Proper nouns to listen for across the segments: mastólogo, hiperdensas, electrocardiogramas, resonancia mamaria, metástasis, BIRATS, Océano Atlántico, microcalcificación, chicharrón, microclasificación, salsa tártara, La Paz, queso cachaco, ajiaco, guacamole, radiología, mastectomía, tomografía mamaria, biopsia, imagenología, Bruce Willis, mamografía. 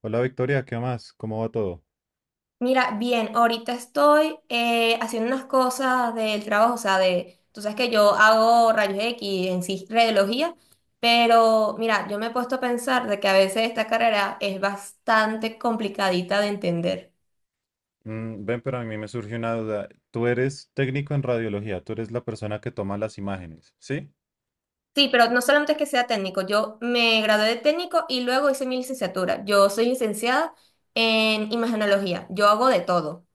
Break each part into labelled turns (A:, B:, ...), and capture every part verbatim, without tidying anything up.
A: Hola Victoria, ¿qué más? ¿Cómo va todo?
B: Mira, bien, ahorita estoy eh, haciendo unas cosas del trabajo, o sea, de, tú sabes que yo hago rayos X en sí, radiología, pero mira, yo me he puesto a pensar de que a veces esta carrera es bastante complicadita de entender.
A: Mm, ven, pero a mí me surgió una duda. Tú eres técnico en radiología, tú eres la persona que toma las imágenes, ¿sí?
B: Sí, pero no solamente es que sea técnico, yo me gradué de técnico y luego hice mi licenciatura. Yo soy licenciada en imagenología, yo hago de todo.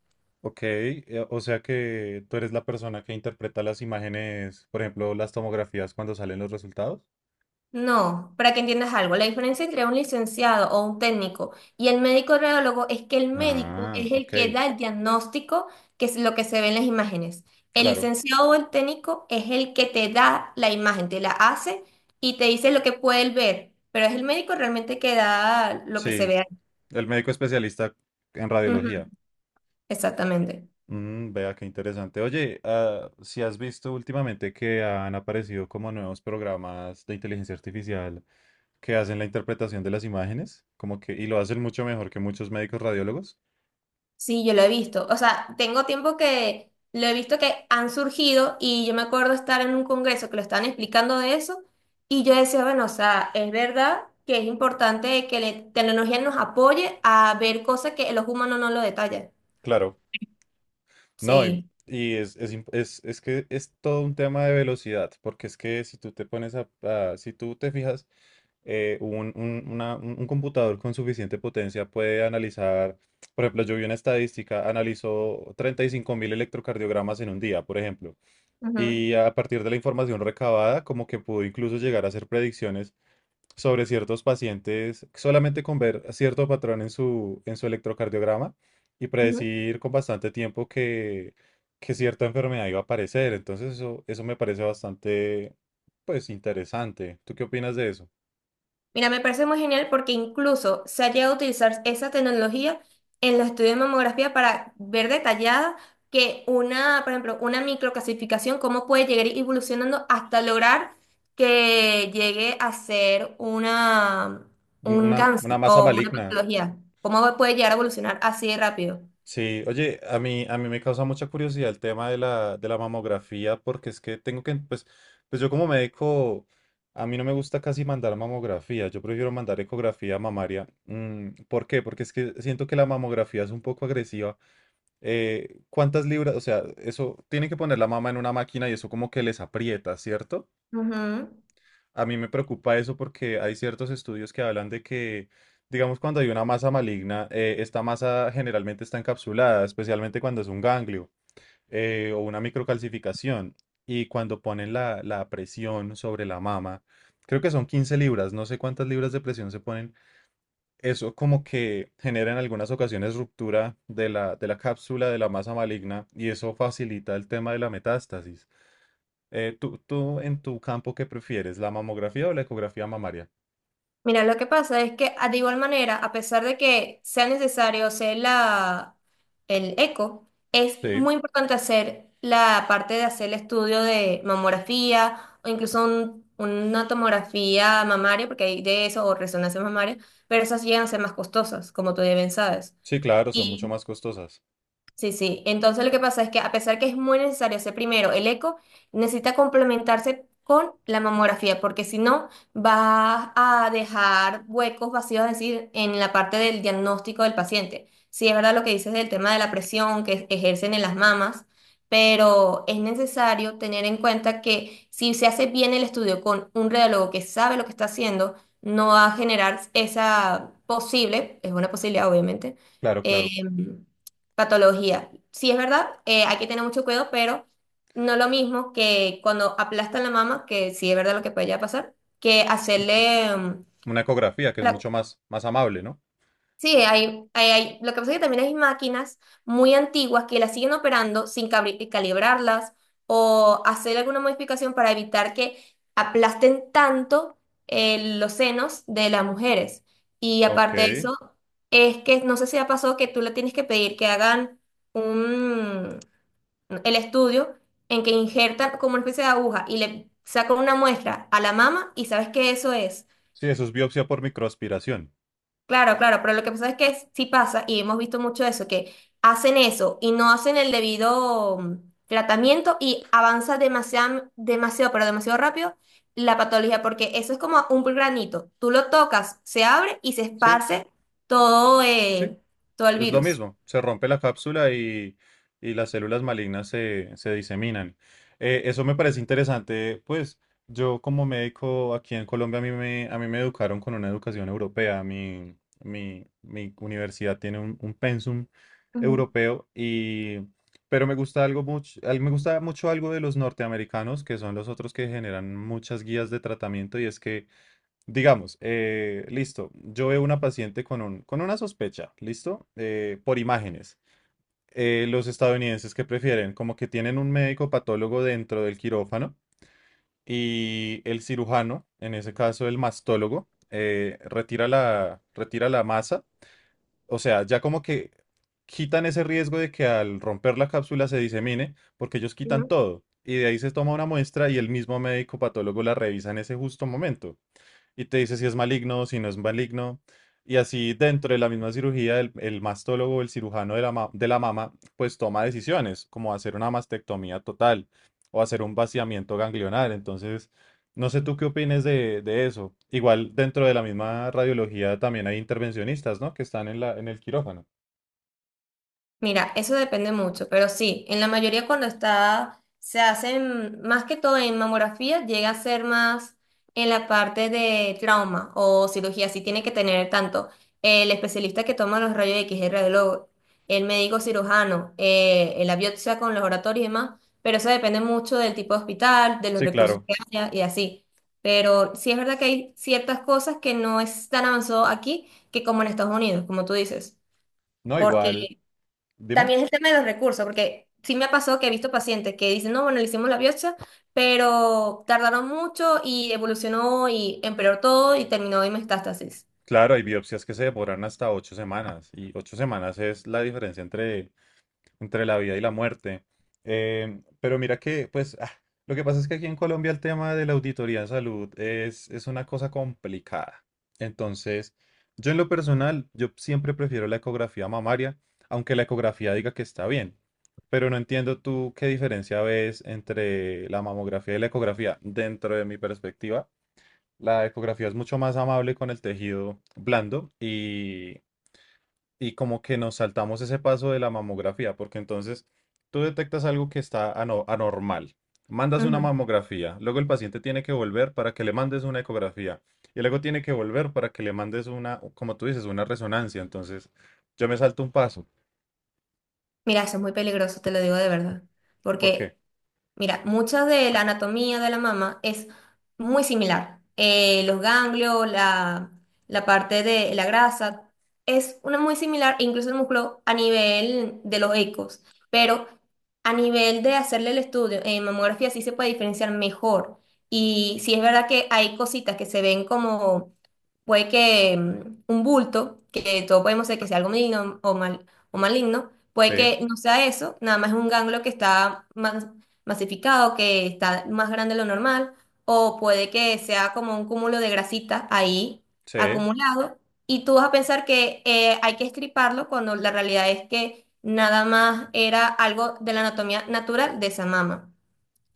A: Ok, eh, o sea que tú eres la persona que interpreta las imágenes, por ejemplo, las tomografías cuando salen los resultados.
B: No, para que entiendas algo, la diferencia entre un licenciado o un técnico y el médico radiólogo es que el médico
A: Ah,
B: es el
A: ok,
B: que da el diagnóstico, que es lo que se ve en las imágenes. El
A: claro.
B: licenciado o el técnico es el que te da la imagen, te la hace y te dice lo que puede él ver, pero es el médico realmente que da lo que se
A: Sí,
B: ve ahí.
A: el médico especialista en radiología.
B: Ujú, exactamente.
A: Mm, vea qué interesante. Oye, ah, si has visto últimamente que han aparecido como nuevos programas de inteligencia artificial que hacen la interpretación de las imágenes, como que, y lo hacen mucho mejor que muchos médicos radiólogos.
B: Sí, yo lo he visto. O sea, tengo tiempo que lo he visto que han surgido y yo me acuerdo estar en un congreso que lo estaban explicando de eso y yo decía, bueno, o sea, es verdad que es importante que la tecnología nos apoye a ver cosas que los humanos no lo detallan.
A: Claro. No, y,
B: Sí.
A: y es, es, imp- es- es que es todo un tema de velocidad, porque es que si tú te pones a, a- si tú te fijas, eh, un, un- una- un- un computador con suficiente potencia puede analizar, por ejemplo, yo vi una estadística, analizó treinta y cinco mil electrocardiogramas en un día, por ejemplo,
B: Ujú,
A: y a partir de la información recabada, como que pudo incluso llegar a hacer predicciones sobre ciertos pacientes solamente con ver cierto patrón en su, en su electrocardiograma y
B: ujú.
A: predecir con bastante tiempo que, que cierta enfermedad iba a aparecer. Entonces eso, eso me parece bastante, pues, interesante. ¿Tú qué opinas de eso?
B: Mira, me parece muy genial porque incluso se ha llegado a utilizar esa tecnología en los estudios de mamografía para ver detallada que una, por ejemplo, una microclasificación, cómo puede llegar evolucionando hasta lograr que llegue a ser una, un
A: Una, una
B: cáncer
A: masa
B: o una
A: maligna.
B: patología. Cómo puede llegar a evolucionar así de rápido.
A: Sí, oye, a mí, a mí me causa mucha curiosidad el tema de la, de la mamografía, porque es que tengo que, pues, pues yo como médico, a mí no me gusta casi mandar mamografía, yo prefiero mandar ecografía mamaria. Mm, ¿por qué? Porque es que siento que la mamografía es un poco agresiva. Eh, ¿cuántas libras? O sea, eso, tienen que poner la mama en una máquina y eso como que les aprieta, ¿cierto?
B: Ujú.
A: A mí me preocupa eso porque hay ciertos estudios que hablan de que, digamos, cuando hay una masa maligna, eh, esta masa generalmente está encapsulada, especialmente cuando es un ganglio eh, o una microcalcificación. Y cuando ponen la, la presión sobre la mama, creo que son quince libras, no sé cuántas libras de presión se ponen. Eso como que genera en algunas ocasiones ruptura de la, de la cápsula de la masa maligna y eso facilita el tema de la metástasis. Eh, ¿tú, tú en tu campo qué prefieres, la mamografía o la ecografía mamaria?
B: Mira, lo que pasa es que ah, de igual manera, a pesar de que sea necesario hacer la, el eco, es
A: Sí,
B: muy importante hacer la parte de hacer el estudio de mamografía o incluso un- una tomografía mamaria, porque hay de eso, o resonancia mamaria, pero esas llegan a ser más costosas, como tú ya bien sabes.
A: sí, claro, son mucho más costosas.
B: Sí, sí. Entonces lo que pasa es que a pesar que es muy necesario hacer primero el eco, necesita complementarse con la mamografía, porque si no vas a dejar huecos vacíos, es decir, en la parte del diagnóstico del paciente. Sí, es verdad lo que dices del tema de la presión que ejercen en las mamas, pero es necesario tener en cuenta que si se hace bien el estudio con un radiólogo que sabe lo que está haciendo, no va a generar esa posible, es una posibilidad obviamente,
A: Claro, claro.
B: em, patología. Sí, es verdad, eh, hay que tener mucho cuidado, pero no lo mismo que cuando aplastan la mama, que sí es verdad lo que puede llegar a pasar, que hacerle... mm,
A: Una ecografía que es
B: la-
A: mucho más, más amable, ¿no?
B: Sí, hay, hay, hay- lo que pasa es que también hay máquinas muy antiguas que las siguen operando sin cabri- calibrarlas o hacer alguna modificación para evitar que aplasten tanto eh, los senos de las mujeres. Y
A: Ok.
B: aparte de eso, es que no sé si ha pasado que tú le tienes que pedir que hagan... un, el estudio en que injertan como una especie de aguja y le sacan una muestra a la mama y sabes que eso es.
A: Sí, eso es biopsia por microaspiración.
B: Claro, claro, pero lo que pasa es que sí pasa y hemos visto mucho eso, que hacen eso y no hacen el debido mm, tratamiento y avanza demasiado, demasiado, pero demasiado rápido la patología, porque eso es como un granito. Tú lo tocas, se abre y se
A: Sí,
B: esparce todo,
A: sí.
B: eh, todo el
A: Es lo
B: virus.
A: mismo, se rompe la cápsula y, y las células malignas se, se diseminan. Eh, eso me parece interesante, pues yo como médico aquí en Colombia a mí me, a mí me educaron con una educación europea. Mi, mi, mi universidad tiene un, un pensum
B: Ujú.
A: europeo y... Pero me gusta algo mucho, al- me gusta mucho algo de los norteamericanos, que son los otros que generan muchas guías de tratamiento, y es que, digamos, eh, listo, yo veo una paciente con un, con una sospecha, listo, eh, por imágenes. Eh, los estadounidenses que prefieren, como que tienen un médico patólogo dentro del quirófano y el cirujano, en ese caso el mastólogo, eh, retira la, retira la masa, o sea, ya como que quitan ese riesgo de que al romper la cápsula se disemine, porque ellos quitan
B: Ujú.
A: todo. Y de ahí se toma una muestra y el mismo médico patólogo la revisa en ese justo momento y te dice si es maligno, si no es maligno. Y así dentro de la misma cirugía, el, el mastólogo, el cirujano de la, ma- de la mama, pues toma decisiones, como hacer una mastectomía total o hacer un vaciamiento ganglionar. Entonces, no sé tú qué opines de, de eso. Igual dentro de la misma radiología también hay intervencionistas, ¿no? Que están en la, en el quirófano.
B: Mira, eso depende mucho, pero sí, en la mayoría cuando está, se hacen más que todo en mamografía, llega a ser más en la parte de trauma o cirugía, sí tiene que tener tanto el especialista que toma los rayos X, el radiólogo, el médico cirujano, eh, la biopsia con los oratorios y demás, pero eso depende mucho del tipo de hospital, de los
A: Sí,
B: recursos
A: claro.
B: que haya y así. Pero sí es verdad que hay ciertas cosas que no es tan avanzado aquí que como en Estados Unidos, como tú dices.
A: No, igual,
B: Porque
A: dime.
B: también el tema de los recursos, porque sí me ha pasado que he visto pacientes que dicen, no, bueno, le hicimos la biopsia, pero tardaron mucho y evolucionó y empeoró todo y terminó en metástasis.
A: Claro, hay biopsias que se demoran hasta ocho semanas y ocho semanas es la diferencia entre entre la vida y la muerte. Em, pero mira que, pues, ah, lo que pasa es que aquí en Colombia el tema de la auditoría en salud es, es una cosa complicada. Entonces, yo en lo personal, yo siempre prefiero la ecografía mamaria, aunque la ecografía diga que está bien. Pero no entiendo tú qué diferencia ves entre la mamografía y la ecografía. Dentro de mi perspectiva, la ecografía es mucho más amable con el tejido blando y como que nos saltamos ese paso de la mamografía, porque entonces tú detectas algo que está ano- anormal, mandas una
B: Ujú.
A: mamografía, luego el paciente tiene que volver para que le mandes una ecografía, y luego tiene que volver para que le mandes una, como tú dices, una resonancia. Entonces yo me salto un paso.
B: Mira, eso es muy peligroso, te lo digo de verdad,
A: ¿Por qué?
B: porque mira, mucha de la anatomía de la mama es muy similar. Eh, los ganglios, la, la parte de la grasa, es una muy similar, incluso el músculo a nivel de los ecos. Pero a nivel de hacerle el estudio en mamografía sí se puede diferenciar mejor. Y sí es verdad que hay cositas que se ven como, puede que mm, un bulto, que todos podemos ser que sea algo maligno o, mal, o maligno, puede
A: Sí,
B: que no sea eso, nada más es un ganglio que está más masificado, que está más grande de lo normal, o puede que sea como un cúmulo de grasita ahí
A: sí,
B: acumulado, y tú vas a pensar que eh, hay que estriparlo cuando la realidad es que nada más era algo de la anatomía natural de esa mama.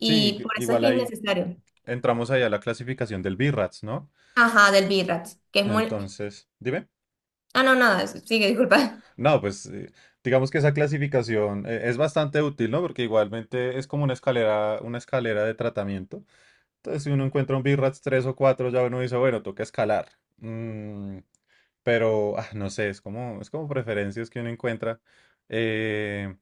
A: sí,
B: por eso es
A: igual
B: que es
A: ahí
B: innecesario.
A: entramos ahí a la clasificación del BIRATS, ¿no?
B: Ajá, del birrax, que es muy...
A: Entonces, dime.
B: Ah, no, nada, sigue, disculpa.
A: No, pues eh, digamos que esa clasificación eh, es bastante útil, ¿no? Porque igualmente es como una escalera, una escalera de tratamiento. Entonces, si uno encuentra un BIRATS tres o cuatro, ya uno dice, bueno, toca escalar. Mm, pero, ah, no sé, es como, es como preferencias que uno encuentra. Eh,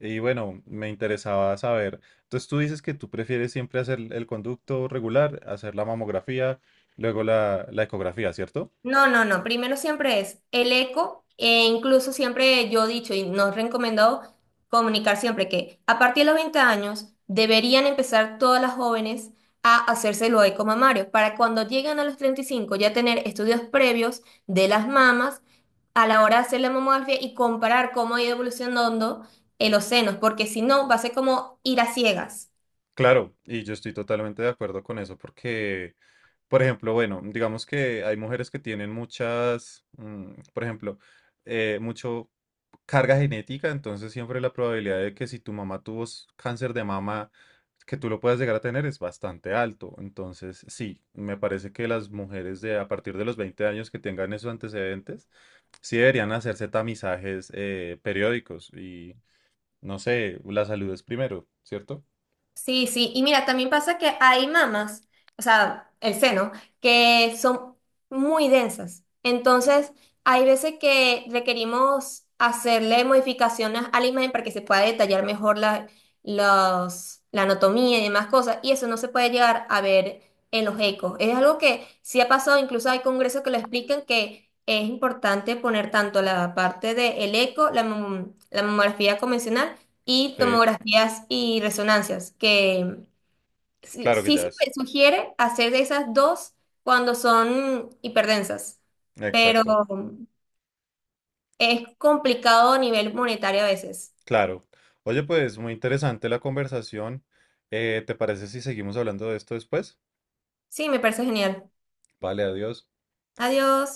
A: y bueno, me interesaba saber. Entonces, tú dices que tú prefieres siempre hacer el conducto regular, hacer la mamografía, luego la, la ecografía, ¿cierto?
B: No, no, no. Primero siempre es el eco, e incluso siempre yo he dicho y nos he recomendado comunicar siempre que a partir de los veinte años deberían empezar todas las jóvenes a hacerse los eco mamarios para cuando lleguen a los treinta y cinco ya tener estudios previos de las mamas a la hora de hacer la mamografía y comparar cómo ha ido evolucionando en los senos, porque si no va a ser como ir a ciegas.
A: Claro, y yo estoy totalmente de acuerdo con eso porque, por ejemplo, bueno, digamos que hay mujeres que tienen muchas, mm, por ejemplo, eh, mucho carga genética, entonces siempre la probabilidad de que si tu mamá tuvo s- cáncer de mama, que tú lo puedas llegar a tener es bastante alto. Entonces, sí, me parece que las mujeres de a partir de los veinte años que tengan esos antecedentes, sí deberían hacerse tamizajes eh, periódicos y, no sé, la salud es primero, ¿cierto?
B: Sí, sí, y mira, también pasa que hay mamas, o sea, el seno, que son muy densas. Entonces, hay veces que requerimos hacerle modificaciones a la imagen para que se pueda detallar mejor la, los- la anatomía y demás cosas, y eso no se puede llegar a ver en los ecos. Es algo que sí ha pasado, incluso hay congresos que lo explican que es importante poner tanto la parte del eco, la, mom- la mamografía convencional, y
A: Sí,
B: tomografías y resonancias, que sí,
A: claro que
B: sí
A: ya
B: se
A: es.
B: me sugiere hacer esas dos cuando son hiperdensas, pero
A: Exacto.
B: es complicado a nivel monetario a veces.
A: Claro. Oye, pues muy interesante la conversación. Eh, ¿te parece si seguimos hablando de esto después?
B: Sí, me parece genial.
A: Vale, adiós.
B: Adiós.